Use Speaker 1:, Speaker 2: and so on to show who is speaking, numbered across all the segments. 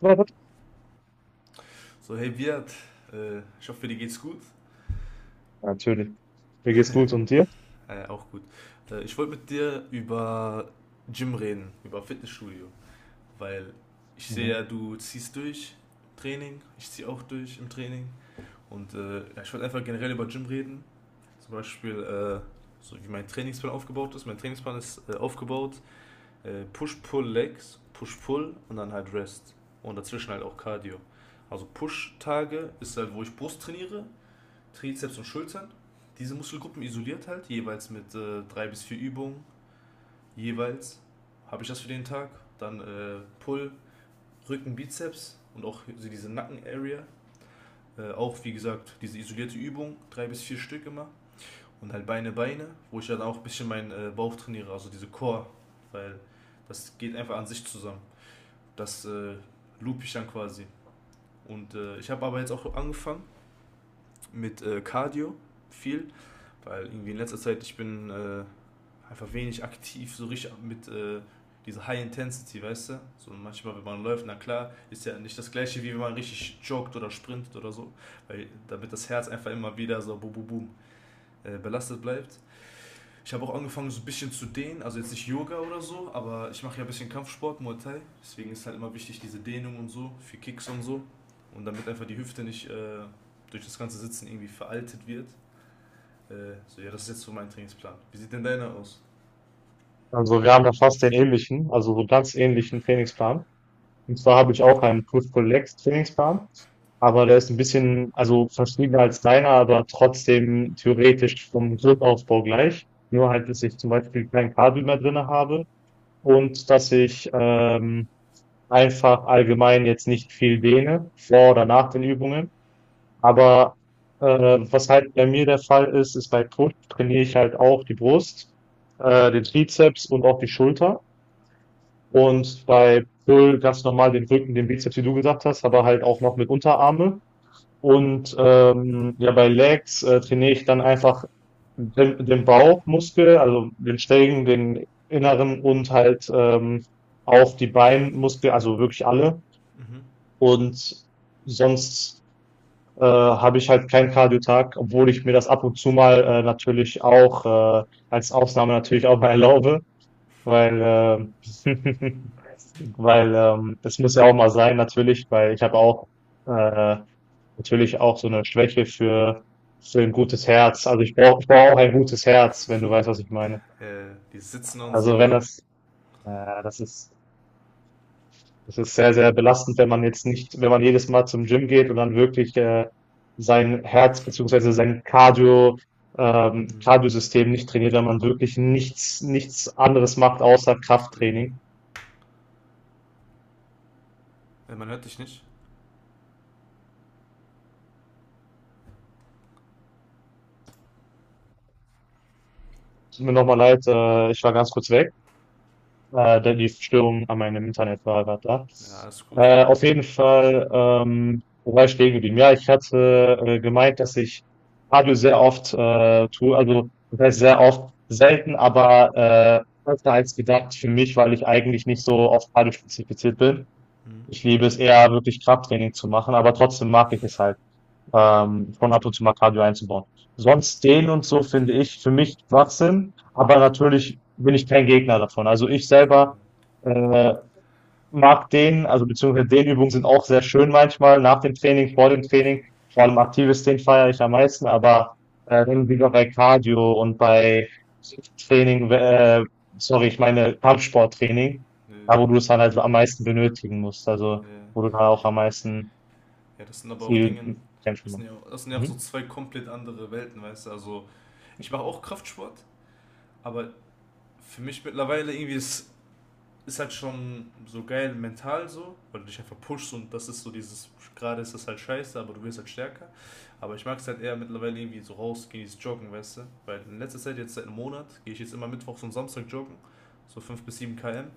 Speaker 1: Ja,
Speaker 2: So, hey Biat, ich hoffe, dir geht's gut.
Speaker 1: natürlich. Mir geht's gut und dir?
Speaker 2: Auch gut. Ich wollte mit dir über Gym reden, über Fitnessstudio, weil ich sehe ja,
Speaker 1: Mhm.
Speaker 2: du ziehst durch Training, ich ziehe auch durch im Training und ja, ich wollte einfach generell über Gym reden, zum Beispiel so wie mein Trainingsplan aufgebaut ist. Mein Trainingsplan ist aufgebaut: Push-Pull-Legs, Push-Pull und dann halt Rest, und dazwischen halt auch Cardio. Also Push-Tage ist halt, wo ich Brust trainiere, Trizeps und Schultern. Diese Muskelgruppen isoliert halt, jeweils mit drei bis vier Übungen, jeweils habe ich das für den Tag. Dann Pull, Rücken, Bizeps und auch so diese Nacken-Area. Auch wie gesagt, diese isolierte Übung, drei bis vier Stück immer. Und halt Beine, Beine, wo ich dann auch ein bisschen meinen Bauch trainiere, also diese Core, weil das geht einfach an sich zusammen. Das loop ich dann quasi. Und ich habe aber jetzt auch angefangen mit Cardio, viel, weil irgendwie in letzter Zeit, ich bin einfach wenig aktiv, so richtig mit dieser High Intensity, weißt du? So manchmal, wenn man läuft, na klar, ist ja nicht das gleiche, wie wenn man richtig joggt oder sprintet oder so. Weil damit das Herz einfach immer wieder so boom, boom, boom belastet bleibt. Ich habe auch angefangen, so ein bisschen zu dehnen, also jetzt nicht Yoga oder so, aber ich mache ja ein bisschen Kampfsport, Muay Thai. Deswegen ist halt immer wichtig, diese Dehnung und so, für Kicks und so. Und damit einfach die Hüfte nicht durch das ganze Sitzen irgendwie veraltet wird. So, ja, das ist jetzt so mein Trainingsplan. Wie sieht denn deiner aus?
Speaker 1: Also wir haben da fast den ähnlichen, also so ganz ähnlichen Trainingsplan. Und zwar habe ich auch einen Push-Pull-Legs-Trainingsplan, aber der ist ein bisschen, also verschiedener als deiner, aber trotzdem theoretisch vom Grundaufbau gleich. Nur halt, dass ich zum Beispiel kein Kabel mehr drinne habe und dass ich einfach allgemein jetzt nicht viel dehne, vor oder nach den Übungen. Aber was halt bei mir der Fall ist, ist bei Push trainiere ich halt auch die Brust, den Trizeps und auch die Schulter. Und bei Pull ganz normal den Rücken, den Bizeps, wie du gesagt hast, aber
Speaker 2: Mhm.
Speaker 1: halt auch noch mit Unterarme. Und ja, bei Legs trainiere ich dann einfach den Bauchmuskel, also den schrägen, den inneren und halt auch die Beinmuskel, also wirklich alle.
Speaker 2: Mhm.
Speaker 1: Und sonst habe ich halt keinen Cardio-Tag, obwohl ich mir das ab und zu mal natürlich auch äh, als Ausnahme natürlich auch mal erlaube, weil weil das muss ja auch mal sein natürlich, weil ich habe auch äh, natürlich auch so eine Schwäche für ein gutes Herz. Also ich brauche auch ein gutes Herz, wenn du weißt, was ich meine.
Speaker 2: Die sitzen und
Speaker 1: Also wenn
Speaker 2: so.
Speaker 1: das das ist Das ist sehr,
Speaker 2: Ja.
Speaker 1: sehr belastend, wenn man jetzt nicht, wenn man jedes Mal zum Gym geht und dann wirklich sein Herz beziehungsweise sein Cardio,
Speaker 2: Mhm.
Speaker 1: Cardiosystem nicht trainiert, wenn man wirklich nichts, nichts anderes macht außer
Speaker 2: Äh,
Speaker 1: Krafttraining.
Speaker 2: Man hört dich nicht.
Speaker 1: Tut mir nochmal leid, ich war ganz kurz weg. Da die Störung an meinem Internet war gerade da.
Speaker 2: Ja, alles gut.
Speaker 1: Auf jeden Fall, wo war ich stehen geblieben? Ja, ich hatte, gemeint, dass ich Radio sehr oft, tue. Also, das heißt sehr oft, selten, aber, öfter als gedacht für mich, weil ich eigentlich nicht so auf Radio spezifiziert bin.
Speaker 2: Mhm.
Speaker 1: Ich liebe es eher, wirklich Krafttraining zu machen, aber trotzdem mag ich es halt schon ab und zu mal Cardio einzubauen. Sonst den und so finde ich für mich Schwachsinn, aber natürlich bin ich kein Gegner davon. Also ich
Speaker 2: Nö,
Speaker 1: selber äh, mag den, also beziehungsweise Dehnübungen sind auch sehr schön manchmal, nach dem Training. Vor allem aktives Dehnen feiere ich am meisten, aber dann wieder bei Cardio und bei Training, sorry, ich meine Kampfsporttraining,
Speaker 2: nö,
Speaker 1: da wo du es dann halt am meisten benötigen musst, also wo du
Speaker 2: äh,
Speaker 1: da auch am meisten
Speaker 2: ja, das sind aber auch
Speaker 1: viel
Speaker 2: Dinge,
Speaker 1: kämpfen
Speaker 2: das sind
Speaker 1: musst.
Speaker 2: ja auch, das sind ja auch so
Speaker 1: Mhm.
Speaker 2: zwei komplett andere Welten, weißt du? Also, ich mache auch Kraftsport, aber für mich mittlerweile irgendwie ist halt schon so geil mental so, weil du dich einfach pushst, und das ist so dieses, gerade ist das halt scheiße, aber du wirst halt stärker. Aber ich mag es halt eher mittlerweile irgendwie so rausgehen, dieses Joggen, weißt du? Weil in letzter Zeit, jetzt seit einem Monat, gehe ich jetzt immer mittwochs und Samstag joggen, so 5 bis 7 km,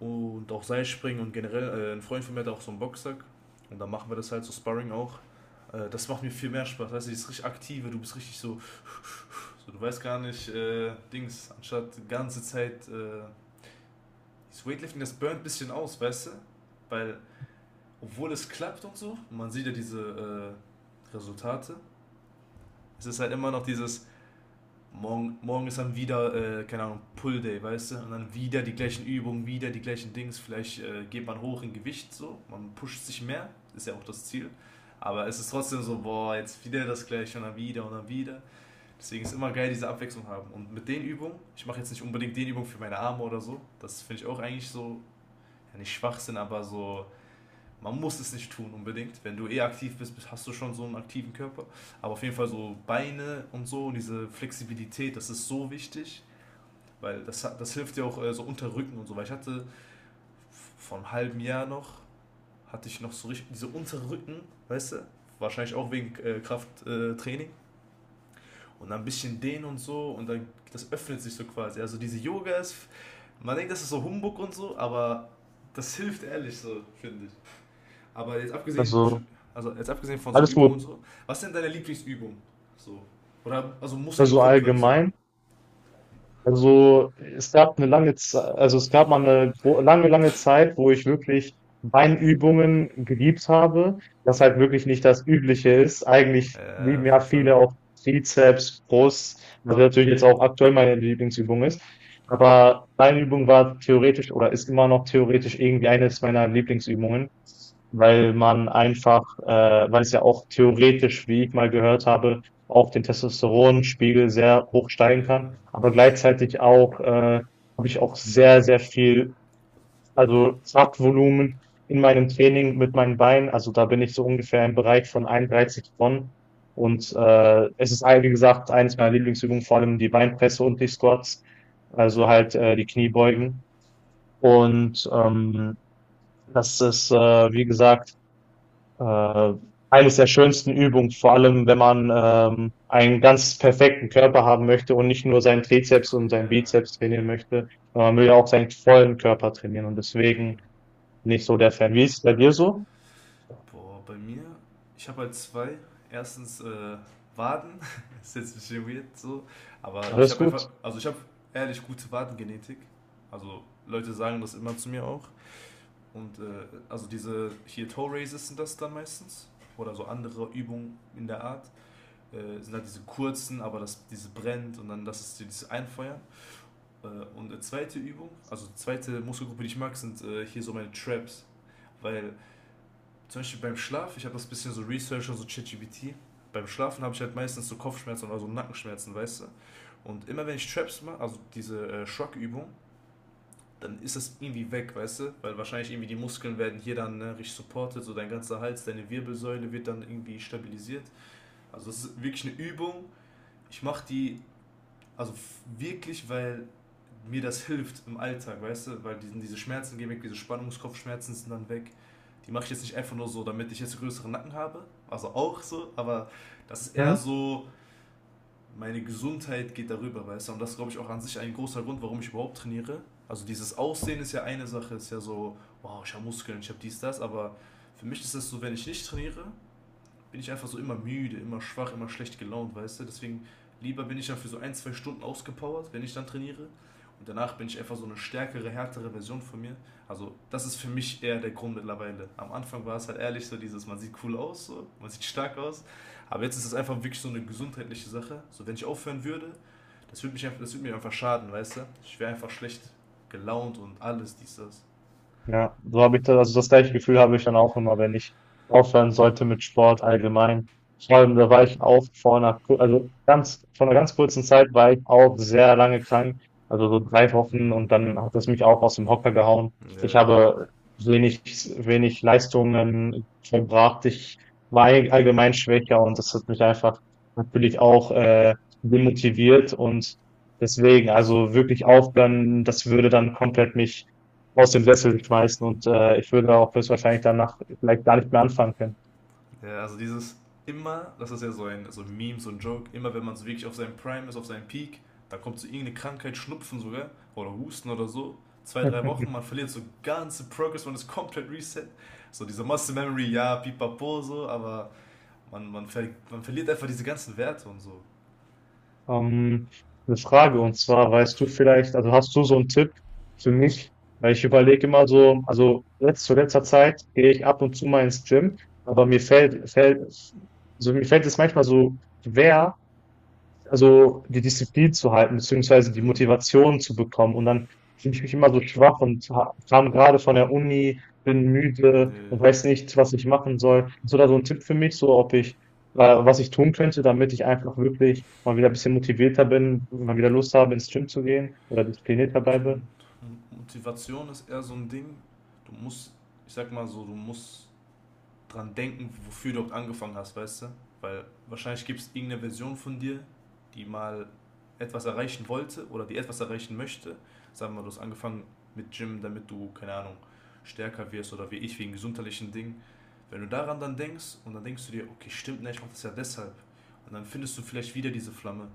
Speaker 2: und auch Seilspringen. Und generell, ein Freund von mir hat auch so einen Boxsack, und dann machen wir das halt so Sparring auch. Das macht mir viel mehr Spaß, weißt du, dieses richtig aktive, du bist richtig so, so du weißt gar nicht, Dings, anstatt die ganze Zeit. Das Weightlifting, das burnt ein bisschen aus, weißt du? Weil, obwohl es klappt und so, man sieht ja diese Resultate, es ist halt immer noch dieses, morgen ist dann wieder, keine Ahnung, Pull Day, weißt du? Und dann wieder die gleichen Übungen, wieder die gleichen Dings. Vielleicht geht man hoch in Gewicht so, man pusht sich mehr, ist ja auch das Ziel. Aber es ist trotzdem so, boah, jetzt wieder das gleiche, und dann wieder und dann wieder. Deswegen ist immer geil, diese Abwechslung haben. Und mit den Übungen, ich mache jetzt nicht unbedingt den Übungen für meine Arme oder so. Das finde ich auch eigentlich so, ja nicht Schwachsinn, aber so, man muss es nicht tun unbedingt. Wenn du eh aktiv bist, hast du schon so einen aktiven Körper. Aber auf jeden Fall so Beine und so und diese Flexibilität, das ist so wichtig, weil das hilft dir auch so unter Rücken und so. Weil ich hatte vor einem halben Jahr noch, hatte ich noch so richtig diese Unterrücken, weißt du? Wahrscheinlich auch wegen Krafttraining. Und dann ein bisschen dehnen und so, und dann das öffnet sich so quasi. Also diese Yoga ist, man denkt, das ist so Humbug und so, aber das hilft ehrlich so, finde ich. Aber jetzt abgesehen,
Speaker 1: Also,
Speaker 2: also jetzt abgesehen von so
Speaker 1: alles
Speaker 2: Übungen und
Speaker 1: nur
Speaker 2: so, was sind deine Lieblingsübungen? So. Oder also
Speaker 1: also
Speaker 2: Muskelgruppe so.
Speaker 1: allgemein. Also, es gab eine lange Zeit, also, es gab mal eine gro lange, lange Zeit, wo ich wirklich Beinübungen geliebt habe, das halt wirklich nicht das Übliche ist. Eigentlich lieben
Speaker 2: Auf
Speaker 1: ja
Speaker 2: jeden Fall.
Speaker 1: viele auch Trizeps, Brust, was natürlich jetzt auch aktuell meine Lieblingsübung ist. Aber Beinübung war theoretisch oder ist immer noch theoretisch irgendwie eines meiner Lieblingsübungen, weil man einfach, weil es ja auch theoretisch, wie ich mal gehört habe, auch den Testosteronspiegel sehr hoch steigen
Speaker 2: Ja,
Speaker 1: kann, aber gleichzeitig auch habe ich auch sehr, sehr viel, also Kraftvolumen in meinem Training mit meinen Beinen. Also da bin ich so ungefähr im Bereich von 31 Tonnen. Und es ist, wie gesagt, eines meiner Lieblingsübungen, vor allem die Beinpresse und die Squats,
Speaker 2: ja, ja,
Speaker 1: also halt die Kniebeugen. Und das ist, wie gesagt, äh, eines der schönsten Übungen, vor allem wenn man einen ganz perfekten Körper haben möchte und nicht nur seinen Trizeps und seinen
Speaker 2: ja,
Speaker 1: Bizeps trainieren möchte. Man will ja auch seinen vollen Körper trainieren und
Speaker 2: ja.
Speaker 1: deswegen bin ich so der Fan. Wie ist es bei dir so?
Speaker 2: Boah, bei mir, ich habe halt zwei. Erstens Waden, ist jetzt ein bisschen weird so, aber ich
Speaker 1: Alles
Speaker 2: habe einfach,
Speaker 1: gut?
Speaker 2: also ich habe ehrlich gute Wadengenetik. Also Leute sagen das immer zu mir auch. Und also diese hier Toe Raises sind das dann meistens, oder so andere Übungen in der Art. Sind halt diese kurzen, aber das, diese brennt, und dann das ist so dieses Einfeuern. Und eine zweite Übung, also zweite Muskelgruppe, die ich mag, sind hier so meine Traps. Weil zum Beispiel beim Schlaf, ich habe das ein bisschen so Research und so ChatGPT. Beim Schlafen habe ich halt meistens so Kopfschmerzen oder so Nackenschmerzen, weißt du? Und immer wenn ich Traps mache, also diese Übung, dann ist das irgendwie weg, weißt du? Weil wahrscheinlich irgendwie die Muskeln werden hier dann, ne, richtig supported, so dein ganzer Hals, deine Wirbelsäule wird dann irgendwie stabilisiert. Also das ist wirklich eine Übung. Ich mache die. Also wirklich, weil mir das hilft im Alltag, weißt du? Weil diese Schmerzen gehen weg, diese Spannungskopfschmerzen sind dann weg. Die mache ich jetzt nicht einfach nur so, damit ich jetzt einen größeren Nacken habe. Also auch so, aber das ist eher
Speaker 1: Mhm.
Speaker 2: so, meine Gesundheit geht darüber, weißt du? Und das ist, glaube ich, auch an sich ein großer Grund, warum ich überhaupt trainiere. Also dieses Aussehen ist ja eine Sache, ist ja so, wow, ich habe Muskeln, ich habe dies, das, aber für mich ist das so, wenn ich nicht trainiere, bin ich einfach so immer müde, immer schwach, immer schlecht gelaunt, weißt du? Deswegen lieber bin ich dann für so 1, 2 Stunden ausgepowert, wenn ich dann trainiere. Und danach bin ich einfach so eine stärkere, härtere Version von mir. Also das ist für mich eher der Grund mittlerweile. Am Anfang war es halt ehrlich so dieses, man sieht cool aus, so, man sieht stark aus. Aber jetzt ist es einfach wirklich so eine gesundheitliche Sache. So wenn ich aufhören würde, das würde mich einfach, das würde mir einfach schaden, weißt du? Ich wäre einfach schlecht gelaunt und alles, dies, das.
Speaker 1: Ja, so habe ich das, also das gleiche Gefühl habe ich dann auch immer, wenn ich aufhören sollte mit Sport allgemein. Vor allem, da war ich auch vor einer, also ganz, vor einer ganz kurzen Zeit war ich auch sehr lange krank, also so 3 Wochen,
Speaker 2: Hm.
Speaker 1: und dann hat das mich auch aus dem Hocker gehauen. Ich
Speaker 2: äh,
Speaker 1: habe wenig, wenig Leistungen verbracht. Ich war allgemein schwächer und das hat mich einfach natürlich auch demotiviert und deswegen, also wirklich aufhören, das würde dann komplett mich aus dem Sessel schmeißen und ich würde auch höchstwahrscheinlich danach vielleicht gar nicht mehr anfangen können.
Speaker 2: Ja, also dieses immer, das ist ja so ein, Meme, so ein Joke, immer wenn man so wirklich auf seinem Prime ist, auf seinem Peak, dann kommt so irgendeine Krankheit, Schnupfen sogar, oder Husten oder so, 2, 3 Wochen, man verliert so ganze Progress, man ist komplett reset. So diese Muscle Memory, ja, pipapo, so, aber man verliert einfach diese ganzen Werte und so.
Speaker 1: Ähm, eine Frage, und zwar, weißt du vielleicht, also hast du so einen Tipp für mich? Weil ich überlege immer so, also jetzt zu letzter Zeit gehe ich ab und zu mal ins Gym, aber mir fällt, also mir fällt es manchmal so schwer, also die Disziplin zu halten, beziehungsweise die
Speaker 2: Mhm.
Speaker 1: Motivation zu bekommen. Und dann fühle ich mich immer so schwach und kam gerade von der Uni, bin müde
Speaker 2: Nö.
Speaker 1: und weiß nicht, was ich machen soll. Hast du da so ein Tipp für mich, so ob ich, was ich tun könnte, damit ich einfach wirklich mal wieder ein bisschen motivierter bin, mal wieder Lust habe, ins Gym zu gehen oder disziplinierter
Speaker 2: Ich meine,
Speaker 1: bleibe?
Speaker 2: Motivation ist eher so ein Ding. Du musst, ich sag mal so, du musst dran denken, wofür du überhaupt angefangen hast, weißt du? Weil wahrscheinlich gibt es irgendeine Version von dir, die mal etwas erreichen wollte oder die etwas erreichen möchte. Sagen wir mal, du hast angefangen mit Gym, damit du, keine Ahnung, stärker wirst, oder wie ich wegen gesundheitlichen Dingen. Wenn du daran dann denkst und dann denkst du dir, okay, stimmt, ne, ich mache das ja deshalb. Und dann findest du vielleicht wieder diese Flamme.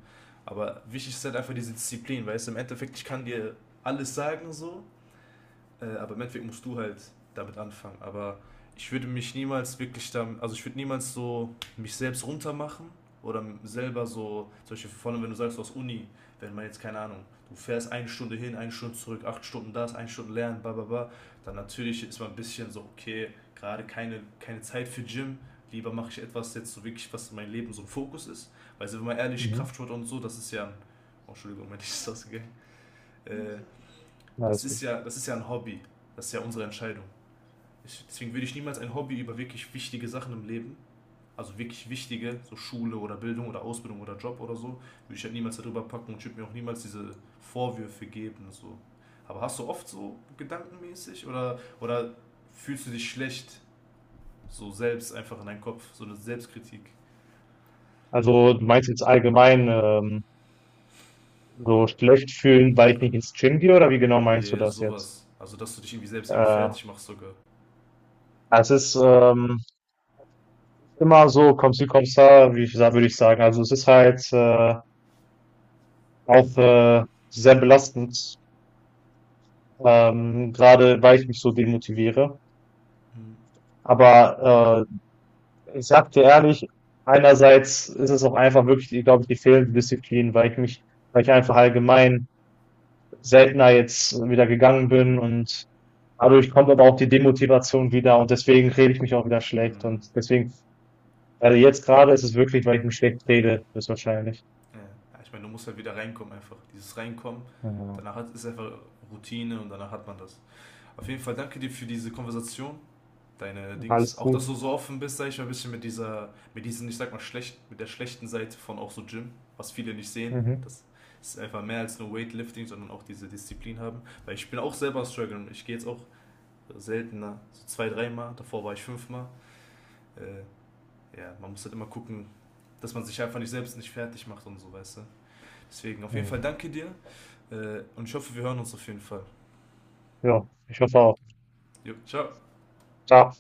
Speaker 2: Aber wichtig ist halt einfach diese Disziplin, weil es im Endeffekt, ich kann dir alles sagen so, aber im Endeffekt musst du halt damit anfangen. Aber ich würde mich niemals wirklich dann, also ich würde niemals so mich selbst runtermachen oder selber so, zum Beispiel vorne, wenn du sagst, du hast Uni, wenn man jetzt, keine Ahnung, du fährst eine Stunde hin, eine Stunde zurück, 8 Stunden das, eine Stunde lernen, bla bla bla, dann natürlich ist man ein bisschen so, okay, gerade keine Zeit für Gym, lieber mache ich etwas jetzt so wirklich, was in meinem Leben so ein Fokus ist. Weil, wenn man ehrlich,
Speaker 1: Mhm.
Speaker 2: Kraftsport und so, das ist ja ein, oh, Entschuldigung, mein Licht ist ausgegangen, äh,
Speaker 1: Ja. Also,
Speaker 2: das ist ja ein Hobby. Das ist ja unsere Entscheidung. Ich, deswegen würde ich niemals ein Hobby über wirklich wichtige Sachen im Leben, also wirklich wichtige, so Schule oder Bildung oder Ausbildung oder Job oder so, würde ich halt niemals darüber packen, und ich würde mir auch niemals diese Vorwürfe geben. So. Aber hast du oft so gedankenmäßig, oder fühlst du dich schlecht, so selbst einfach in deinem Kopf, so eine Selbstkritik?
Speaker 1: also du meinst jetzt allgemein, so schlecht fühlen, weil ich nicht ins Gym gehe, oder wie genau meinst du
Speaker 2: Yeah,
Speaker 1: das jetzt?
Speaker 2: sowas. Also, dass du dich irgendwie selbst irgendwie
Speaker 1: Äh,
Speaker 2: fertig machst sogar.
Speaker 1: Es ist, immer so kommst da, wie ich würde ich sagen. Also es ist halt auch sehr belastend, gerade weil ich mich so demotiviere.
Speaker 2: Mhm.
Speaker 1: Aber ich sag dir ehrlich, einerseits ist es auch einfach wirklich, glaube ich, die fehlende Disziplin, weil ich mich, weil ich einfach allgemein seltener jetzt wieder gegangen bin, und dadurch kommt aber auch die Demotivation wieder und deswegen rede ich mich auch wieder schlecht,
Speaker 2: Mhm.
Speaker 1: und deswegen, also jetzt gerade ist es wirklich, weil ich mich schlecht rede, ist wahrscheinlich.
Speaker 2: Ja, ja, ich meine, du musst halt wieder reinkommen einfach. Dieses Reinkommen,
Speaker 1: Ja,
Speaker 2: danach hat, ist einfach Routine, und danach hat man das. Auf jeden Fall danke dir für diese Konversation, deine
Speaker 1: alles
Speaker 2: Dings. Auch, dass
Speaker 1: gut.
Speaker 2: du so offen bist, sag ich mal, ein bisschen mit diesen, ich sag mal, mit der schlechten Seite von auch so Gym, was viele nicht sehen.
Speaker 1: Mhm.
Speaker 2: Das ist einfach mehr als nur Weightlifting, sondern auch diese Disziplin haben. Weil ich bin auch selber struggling. Ich gehe jetzt auch seltener, so zwei, dreimal. Davor war ich fünfmal. Äh, ja, man muss halt immer gucken, dass man sich einfach nicht selbst nicht fertig macht und so, weißt du. Deswegen auf jeden
Speaker 1: Mhm.
Speaker 2: Fall danke dir, und ich hoffe, wir hören uns auf jeden Fall.
Speaker 1: Ja, ich hoffe auch.
Speaker 2: Jo, ciao.
Speaker 1: Ciao.